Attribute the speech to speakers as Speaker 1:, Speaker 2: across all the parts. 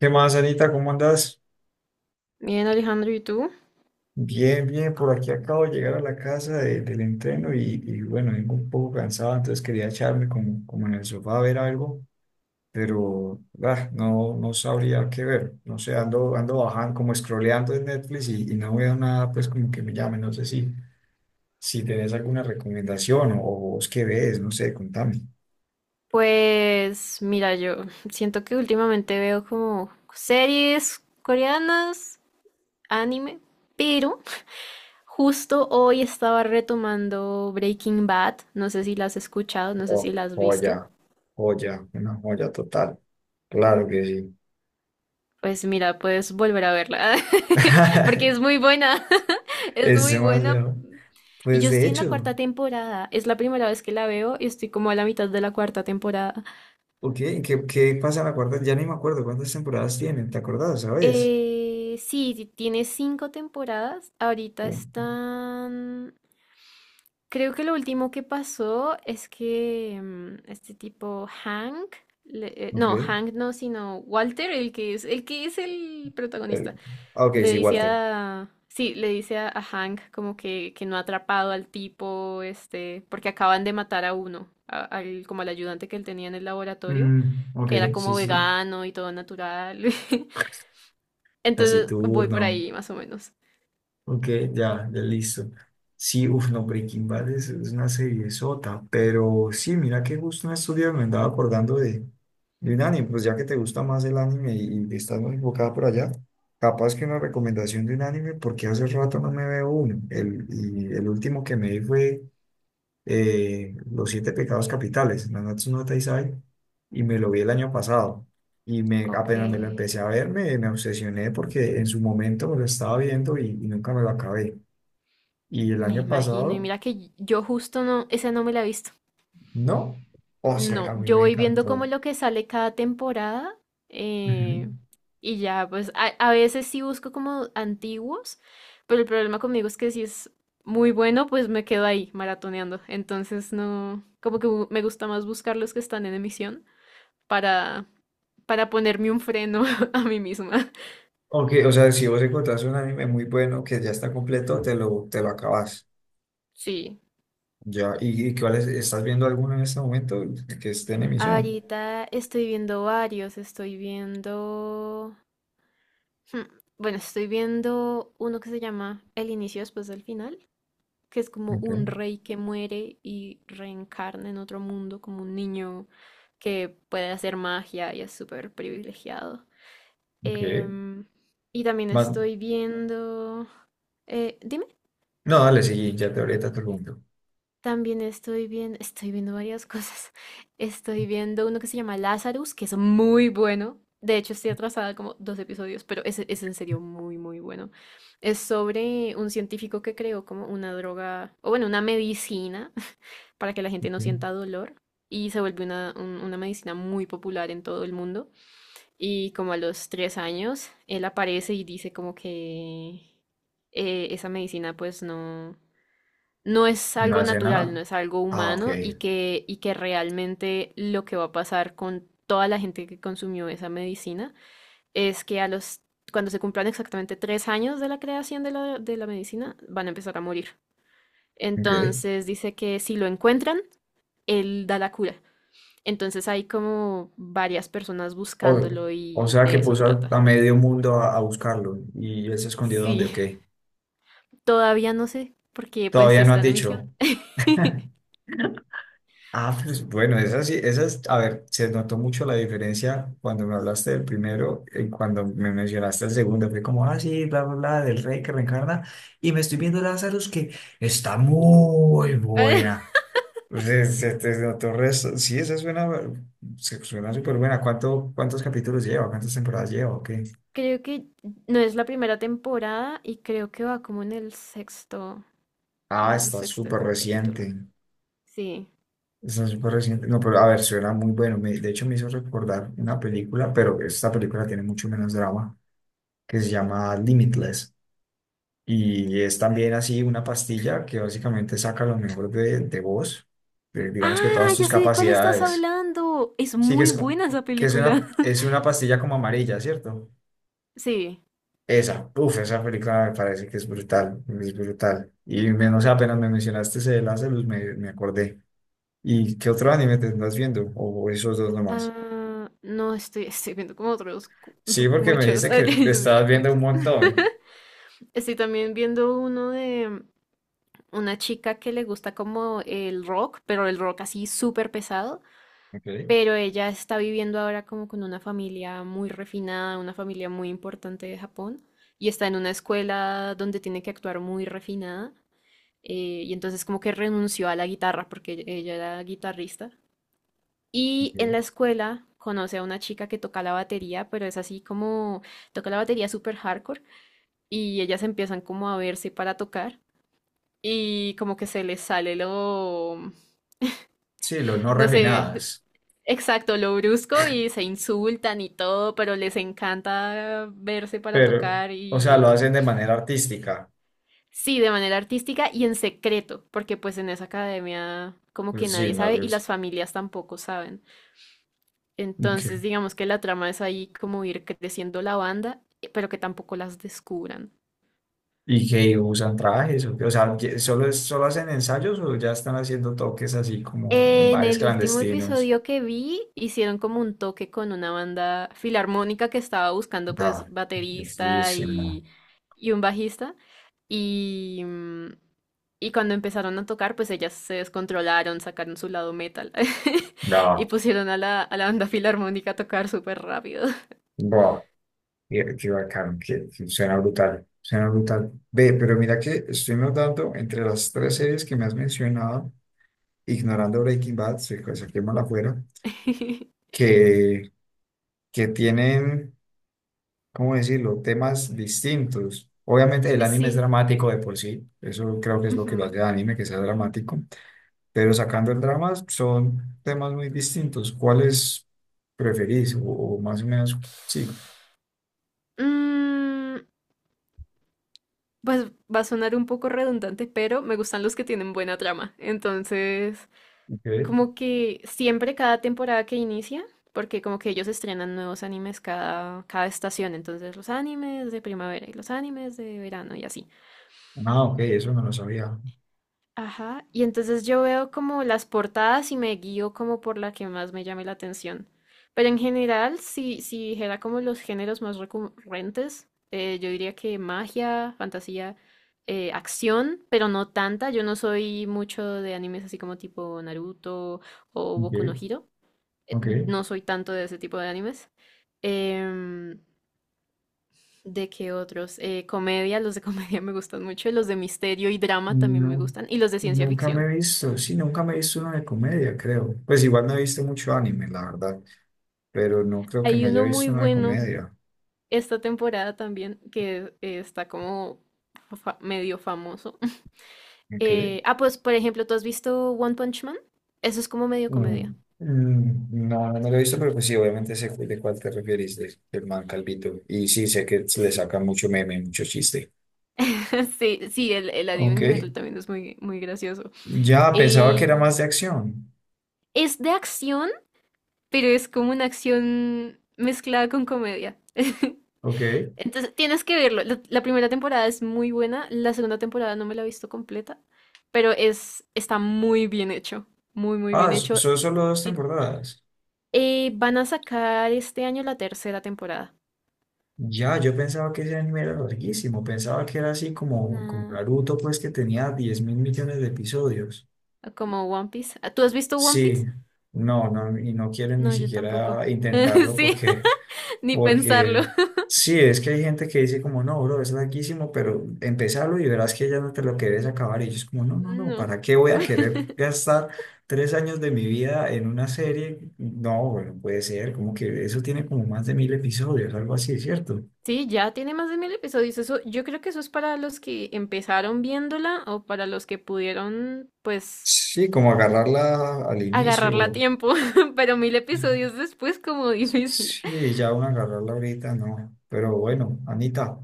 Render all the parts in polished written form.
Speaker 1: ¿Qué más, Anita? ¿Cómo andas?
Speaker 2: Bien, Alejandro, ¿y tú?
Speaker 1: Bien, bien, por aquí acabo de llegar a la casa del entreno y bueno, vengo un poco cansado, entonces quería echarme como en el sofá a ver algo, pero no, no sabría qué ver, no sé, ando bajando, como scrolleando en Netflix y no veo nada, pues como que me llame, no sé si tenés alguna recomendación o vos qué ves, no sé, contame.
Speaker 2: Pues mira, yo siento que últimamente veo como series coreanas, anime, pero justo hoy estaba retomando Breaking Bad. No sé si la has escuchado, no sé si
Speaker 1: Oh,
Speaker 2: la has visto.
Speaker 1: joya, joya, una joya total, claro que sí.
Speaker 2: Pues mira, puedes volver a verla, porque es muy buena, es
Speaker 1: Ese
Speaker 2: muy
Speaker 1: más
Speaker 2: buena.
Speaker 1: veo.
Speaker 2: Y yo
Speaker 1: Pues de
Speaker 2: estoy en la
Speaker 1: hecho,
Speaker 2: cuarta temporada, es la primera vez que la veo y estoy como a la mitad de la cuarta temporada.
Speaker 1: ok, ¿qué pasa en la cuarta? Ya ni me acuerdo cuántas temporadas tienen, ¿te acordás, sabes?
Speaker 2: Sí, sí, tiene cinco temporadas. Ahorita
Speaker 1: Oh,
Speaker 2: están... Creo que lo último que pasó es que este tipo Hank, no,
Speaker 1: ok.
Speaker 2: Hank no, sino Walter, el que es el
Speaker 1: Eh,
Speaker 2: protagonista,
Speaker 1: ok,
Speaker 2: le
Speaker 1: sí,
Speaker 2: dice
Speaker 1: Walter.
Speaker 2: a... Sí, le dice a Hank como que no ha atrapado al tipo, este, porque acaban de matar a uno, al, como al ayudante que él tenía en el laboratorio,
Speaker 1: Mm, ok,
Speaker 2: que era
Speaker 1: sí,
Speaker 2: como
Speaker 1: sí.
Speaker 2: vegano y todo natural. Entonces voy por
Speaker 1: Taciturno.
Speaker 2: ahí más o menos.
Speaker 1: Ok, ya, ya listo. Sí, uff, no, Breaking Bad es una serie sota, pero sí, mira que justo en estos días me andaba acordando de un anime, pues ya que te gusta más el anime y estás muy enfocada por allá, capaz que una recomendación de un anime, porque hace rato no me veo uno. Y el último que me vi fue Los siete pecados capitales, Nanatsu no Taizai, y me lo vi el año pasado.
Speaker 2: Ok.
Speaker 1: Apenas me lo empecé a ver, me obsesioné porque en su momento me lo estaba viendo y nunca me lo acabé. Y el
Speaker 2: Me
Speaker 1: año
Speaker 2: imagino. Y
Speaker 1: pasado,
Speaker 2: mira que yo justo no, esa no me la he visto.
Speaker 1: no. O sea,
Speaker 2: No,
Speaker 1: a mí
Speaker 2: yo
Speaker 1: me
Speaker 2: voy viendo como
Speaker 1: encantó.
Speaker 2: lo que sale cada temporada. eh,
Speaker 1: Ujú.
Speaker 2: y ya, pues a veces sí busco como antiguos, pero el problema conmigo es que si es muy bueno, pues me quedo ahí maratoneando. Entonces no, como que me gusta más buscar los que están en emisión para, para ponerme un freno a mí misma.
Speaker 1: Ok, o sea, si vos encontrás un anime muy bueno que ya está completo, te lo acabas.
Speaker 2: Sí.
Speaker 1: Ya, ¿y cuál estás viendo alguno en este momento que esté en emisión?
Speaker 2: Ahorita estoy viendo varios, estoy viendo... hmm, bueno, estoy viendo uno que se llama El inicio después del final, que es como un
Speaker 1: Ok,
Speaker 2: rey que muere y reencarna en otro mundo, como un niño que puede hacer magia y es súper privilegiado.
Speaker 1: ok.
Speaker 2: Em, y también
Speaker 1: Más-
Speaker 2: estoy viendo... dime.
Speaker 1: no, dale, sí, ya te ahorita te pregunto.
Speaker 2: También estoy viendo varias cosas. Estoy viendo uno que se llama Lazarus, que es muy bueno. De hecho, estoy atrasada como dos episodios, pero es en serio muy, muy bueno. Es sobre un científico que creó como una droga, o bueno, una medicina para que la gente no
Speaker 1: Ok.
Speaker 2: sienta dolor. Y se vuelve una, una medicina muy popular en todo el mundo. Y como a los tres años, él aparece y dice como que esa medicina pues no no es
Speaker 1: No
Speaker 2: algo
Speaker 1: hace
Speaker 2: natural,
Speaker 1: nada.
Speaker 2: no es algo
Speaker 1: Ah, ok.
Speaker 2: humano y que realmente lo que va a pasar con toda la gente que consumió esa medicina es que a los, cuando se cumplan exactamente tres años de la creación de la medicina, van a empezar a morir.
Speaker 1: Ok.
Speaker 2: Entonces dice que si lo encuentran, él da la cura. Entonces hay como varias personas
Speaker 1: O,
Speaker 2: buscándolo
Speaker 1: o
Speaker 2: y
Speaker 1: sea que
Speaker 2: de eso
Speaker 1: puso a,
Speaker 2: trata.
Speaker 1: a medio mundo a buscarlo y él se escondió donde,
Speaker 2: Sí,
Speaker 1: ok.
Speaker 2: todavía no sé porque pues
Speaker 1: Todavía no han
Speaker 2: está en emisión.
Speaker 1: dicho. Ah, pues bueno, esa sí, esa es, a ver, se notó mucho la diferencia cuando me hablaste del primero y cuando me mencionaste el segundo. Fue como, ah, sí, bla, bla, bla, del rey que reencarna. Y me estoy viendo Lazarus que está muy buena. Se notó resto. Sí, esa suena, suena súper buena. ¿Cuántos capítulos lleva? ¿Cuántas temporadas lleva? Ok.
Speaker 2: Creo que no es la primera temporada y creo que va como en el sexto, como
Speaker 1: Ah,
Speaker 2: en el
Speaker 1: está
Speaker 2: sexto
Speaker 1: súper
Speaker 2: capítulo.
Speaker 1: reciente.
Speaker 2: Sí.
Speaker 1: Está súper reciente. No, pero a ver, suena muy bueno. De hecho, me hizo recordar una película, pero esta película tiene mucho menos drama, que se llama Limitless. Y es también así una pastilla que básicamente saca lo mejor de vos, digamos que
Speaker 2: Ah,
Speaker 1: todas
Speaker 2: ya
Speaker 1: tus
Speaker 2: sé de cuál estás
Speaker 1: capacidades.
Speaker 2: hablando. Es
Speaker 1: Sí, que
Speaker 2: muy
Speaker 1: es,
Speaker 2: buena esa
Speaker 1: que es una,
Speaker 2: película.
Speaker 1: es una pastilla como amarilla, ¿cierto?
Speaker 2: Sí.
Speaker 1: Esa, uff, esa película me parece que es brutal, es brutal. Y menos apenas me mencionaste ese de Lazarus, me acordé. ¿Y qué otro anime te estás viendo? O esos dos nomás.
Speaker 2: Ah, no estoy, estoy viendo como otros
Speaker 1: Sí, porque me
Speaker 2: muchos.
Speaker 1: dijiste
Speaker 2: Ay,
Speaker 1: que te
Speaker 2: yo sí,
Speaker 1: estabas viendo un
Speaker 2: muchos.
Speaker 1: montón.
Speaker 2: Estoy también viendo uno de una chica que le gusta como el rock, pero el rock así súper pesado.
Speaker 1: Ok,
Speaker 2: Pero ella está viviendo ahora como con una familia muy refinada, una familia muy importante de Japón, y está en una escuela donde tiene que actuar muy refinada, y entonces como que renunció a la guitarra porque ella era guitarrista, y en la
Speaker 1: ok.
Speaker 2: escuela conoce a una chica que toca la batería, pero es así como toca la batería súper hardcore, y ellas empiezan como a verse para tocar. Y como que se les sale lo,
Speaker 1: Sí, los no
Speaker 2: no sé,
Speaker 1: refinadas.
Speaker 2: exacto, lo brusco y se insultan y todo, pero les encanta verse para
Speaker 1: Pero,
Speaker 2: tocar
Speaker 1: o sea,
Speaker 2: y
Speaker 1: lo hacen de manera artística.
Speaker 2: sí, de manera artística y en secreto, porque pues en esa academia como que
Speaker 1: Pues sí,
Speaker 2: nadie
Speaker 1: no,
Speaker 2: sabe y las familias tampoco saben.
Speaker 1: ok.
Speaker 2: Entonces digamos que la trama es ahí como ir creciendo la banda, pero que tampoco las descubran.
Speaker 1: ¿Y que usan trajes? ¿O qué? O sea, ¿que ¿ solo hacen ensayos o ya están haciendo toques así como en
Speaker 2: En
Speaker 1: bares
Speaker 2: el último
Speaker 1: clandestinos?
Speaker 2: episodio que vi, hicieron como un toque con una banda filarmónica que estaba buscando
Speaker 1: No,
Speaker 2: pues baterista
Speaker 1: bellísimo.
Speaker 2: y un bajista. Y, mm, y cuando empezaron a tocar, pues ellas se descontrolaron, sacaron su lado metal y
Speaker 1: No,
Speaker 2: pusieron a la banda filarmónica a tocar súper rápido.
Speaker 1: mira, qué bacán, que suena brutal, suena brutal. Ve, pero mira que estoy notando entre las tres series que me has mencionado, ignorando Breaking Bad, saquémosla afuera, que, que tienen, ¿cómo decirlo?, temas distintos. Obviamente el anime es
Speaker 2: Sí.
Speaker 1: dramático de por sí, eso creo que es lo que lo hace
Speaker 2: Ujú.
Speaker 1: el anime, que sea dramático, pero sacando el drama son temas muy distintos. ¿Cuáles preferís? O más o menos, sí,
Speaker 2: Mm, pues va a sonar un poco redundante, pero me gustan los que tienen buena trama. Entonces...
Speaker 1: ok.
Speaker 2: Como que siempre cada temporada que inicia, porque como que ellos estrenan nuevos animes cada, cada estación, entonces los animes de primavera y los animes de verano y así.
Speaker 1: Ah, ok, eso no lo sabía.
Speaker 2: Ajá, y entonces yo veo como las portadas y me guío como por la que más me llame la atención. Pero en general, si, si dijera como los géneros más recurrentes, yo diría que magia, fantasía, acción, pero no tanta. Yo no soy mucho de animes así como tipo Naruto o
Speaker 1: Ok,
Speaker 2: Boku no Hero.
Speaker 1: ok.
Speaker 2: No soy tanto de ese tipo de animes. Em, ¿De qué otros? Comedia, los de comedia me gustan mucho. Los de misterio y drama también me
Speaker 1: No,
Speaker 2: gustan. Y los de ciencia
Speaker 1: nunca me he
Speaker 2: ficción.
Speaker 1: visto, sí, nunca me he visto uno de comedia, creo. Pues igual no he visto mucho anime, la verdad, pero no creo que me
Speaker 2: Hay
Speaker 1: haya
Speaker 2: uno
Speaker 1: visto
Speaker 2: muy
Speaker 1: uno de
Speaker 2: bueno
Speaker 1: comedia.
Speaker 2: esta temporada también que está como medio famoso.
Speaker 1: Ok.
Speaker 2: Pues por ejemplo, ¿tú has visto One Punch Man? Eso es como medio comedia.
Speaker 1: Mm, mm, no, no me lo he visto, pero pues sí, obviamente sé de cuál te refieres, del man Calvito. Y sí, sé que se le saca mucho meme, mucho chiste.
Speaker 2: Sí, sí, el anime
Speaker 1: Ok.
Speaker 2: en general también es muy, muy gracioso.
Speaker 1: Ya pensaba que era más
Speaker 2: Y
Speaker 1: de acción.
Speaker 2: es de acción, pero es como una acción mezclada con comedia.
Speaker 1: Ok.
Speaker 2: Entonces tienes que verlo. La primera temporada es muy buena, la segunda temporada no me la he visto completa, pero es, está muy bien hecho, muy, muy
Speaker 1: Ah,
Speaker 2: bien hecho.
Speaker 1: son solo dos
Speaker 2: Eh,
Speaker 1: temporadas.
Speaker 2: van a sacar este año la tercera temporada.
Speaker 1: Ya, yo pensaba que ese anime era larguísimo, pensaba que era así como
Speaker 2: Nah,
Speaker 1: Naruto, pues que tenía 10.000 millones de episodios.
Speaker 2: como One Piece. Ah, ¿tú has visto One
Speaker 1: Sí,
Speaker 2: Piece?
Speaker 1: no, no, y no quiero ni
Speaker 2: No, yo tampoco.
Speaker 1: siquiera intentarlo
Speaker 2: Sí,
Speaker 1: porque,
Speaker 2: ni pensarlo.
Speaker 1: porque sí, es que hay gente que dice como, no, bro, es larguísimo, pero empezarlo y verás que ya no te lo querés acabar. Y yo es como, no, no, no,
Speaker 2: No.
Speaker 1: ¿para qué voy a querer gastar 3 años de mi vida en una serie? No, bueno, puede ser, como que eso tiene como más de 1.000 episodios, algo así, ¿cierto?
Speaker 2: Sí, ya tiene más de mil episodios. Eso, yo creo que eso es para los que empezaron viéndola o para los que pudieron, pues,
Speaker 1: Sí, como agarrarla al
Speaker 2: agarrarla a
Speaker 1: inicio.
Speaker 2: tiempo. Pero mil episodios después, como difícil.
Speaker 1: Sí, ya una agarrarla ahorita, no. Pero bueno, Anita,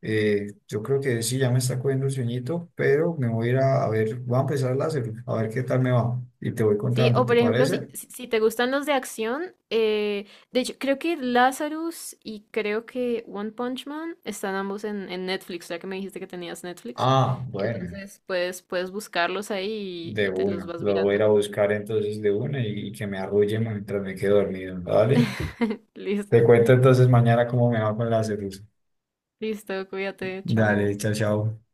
Speaker 1: yo creo que sí, ya me está cogiendo el sueñito, pero me voy a ir a ver, voy a empezar a láser, a ver qué tal me va. Y te voy
Speaker 2: Sí,
Speaker 1: contando,
Speaker 2: o
Speaker 1: ¿te
Speaker 2: por ejemplo,
Speaker 1: parece?
Speaker 2: si, si si te gustan los de acción, de hecho, creo que Lazarus y creo que One Punch Man están ambos en Netflix, ya que me dijiste que tenías Netflix.
Speaker 1: Ah, bueno,
Speaker 2: Entonces, pues, puedes buscarlos ahí
Speaker 1: de
Speaker 2: y te los
Speaker 1: una.
Speaker 2: vas
Speaker 1: Lo voy a ir a
Speaker 2: mirando.
Speaker 1: buscar entonces de una y que me arrulle mientras me quedo dormido, ¿vale? Te
Speaker 2: Listo,
Speaker 1: cuento entonces mañana cómo me va con la láser.
Speaker 2: listo, cuídate,
Speaker 1: Dale,
Speaker 2: chao.
Speaker 1: chao, chao.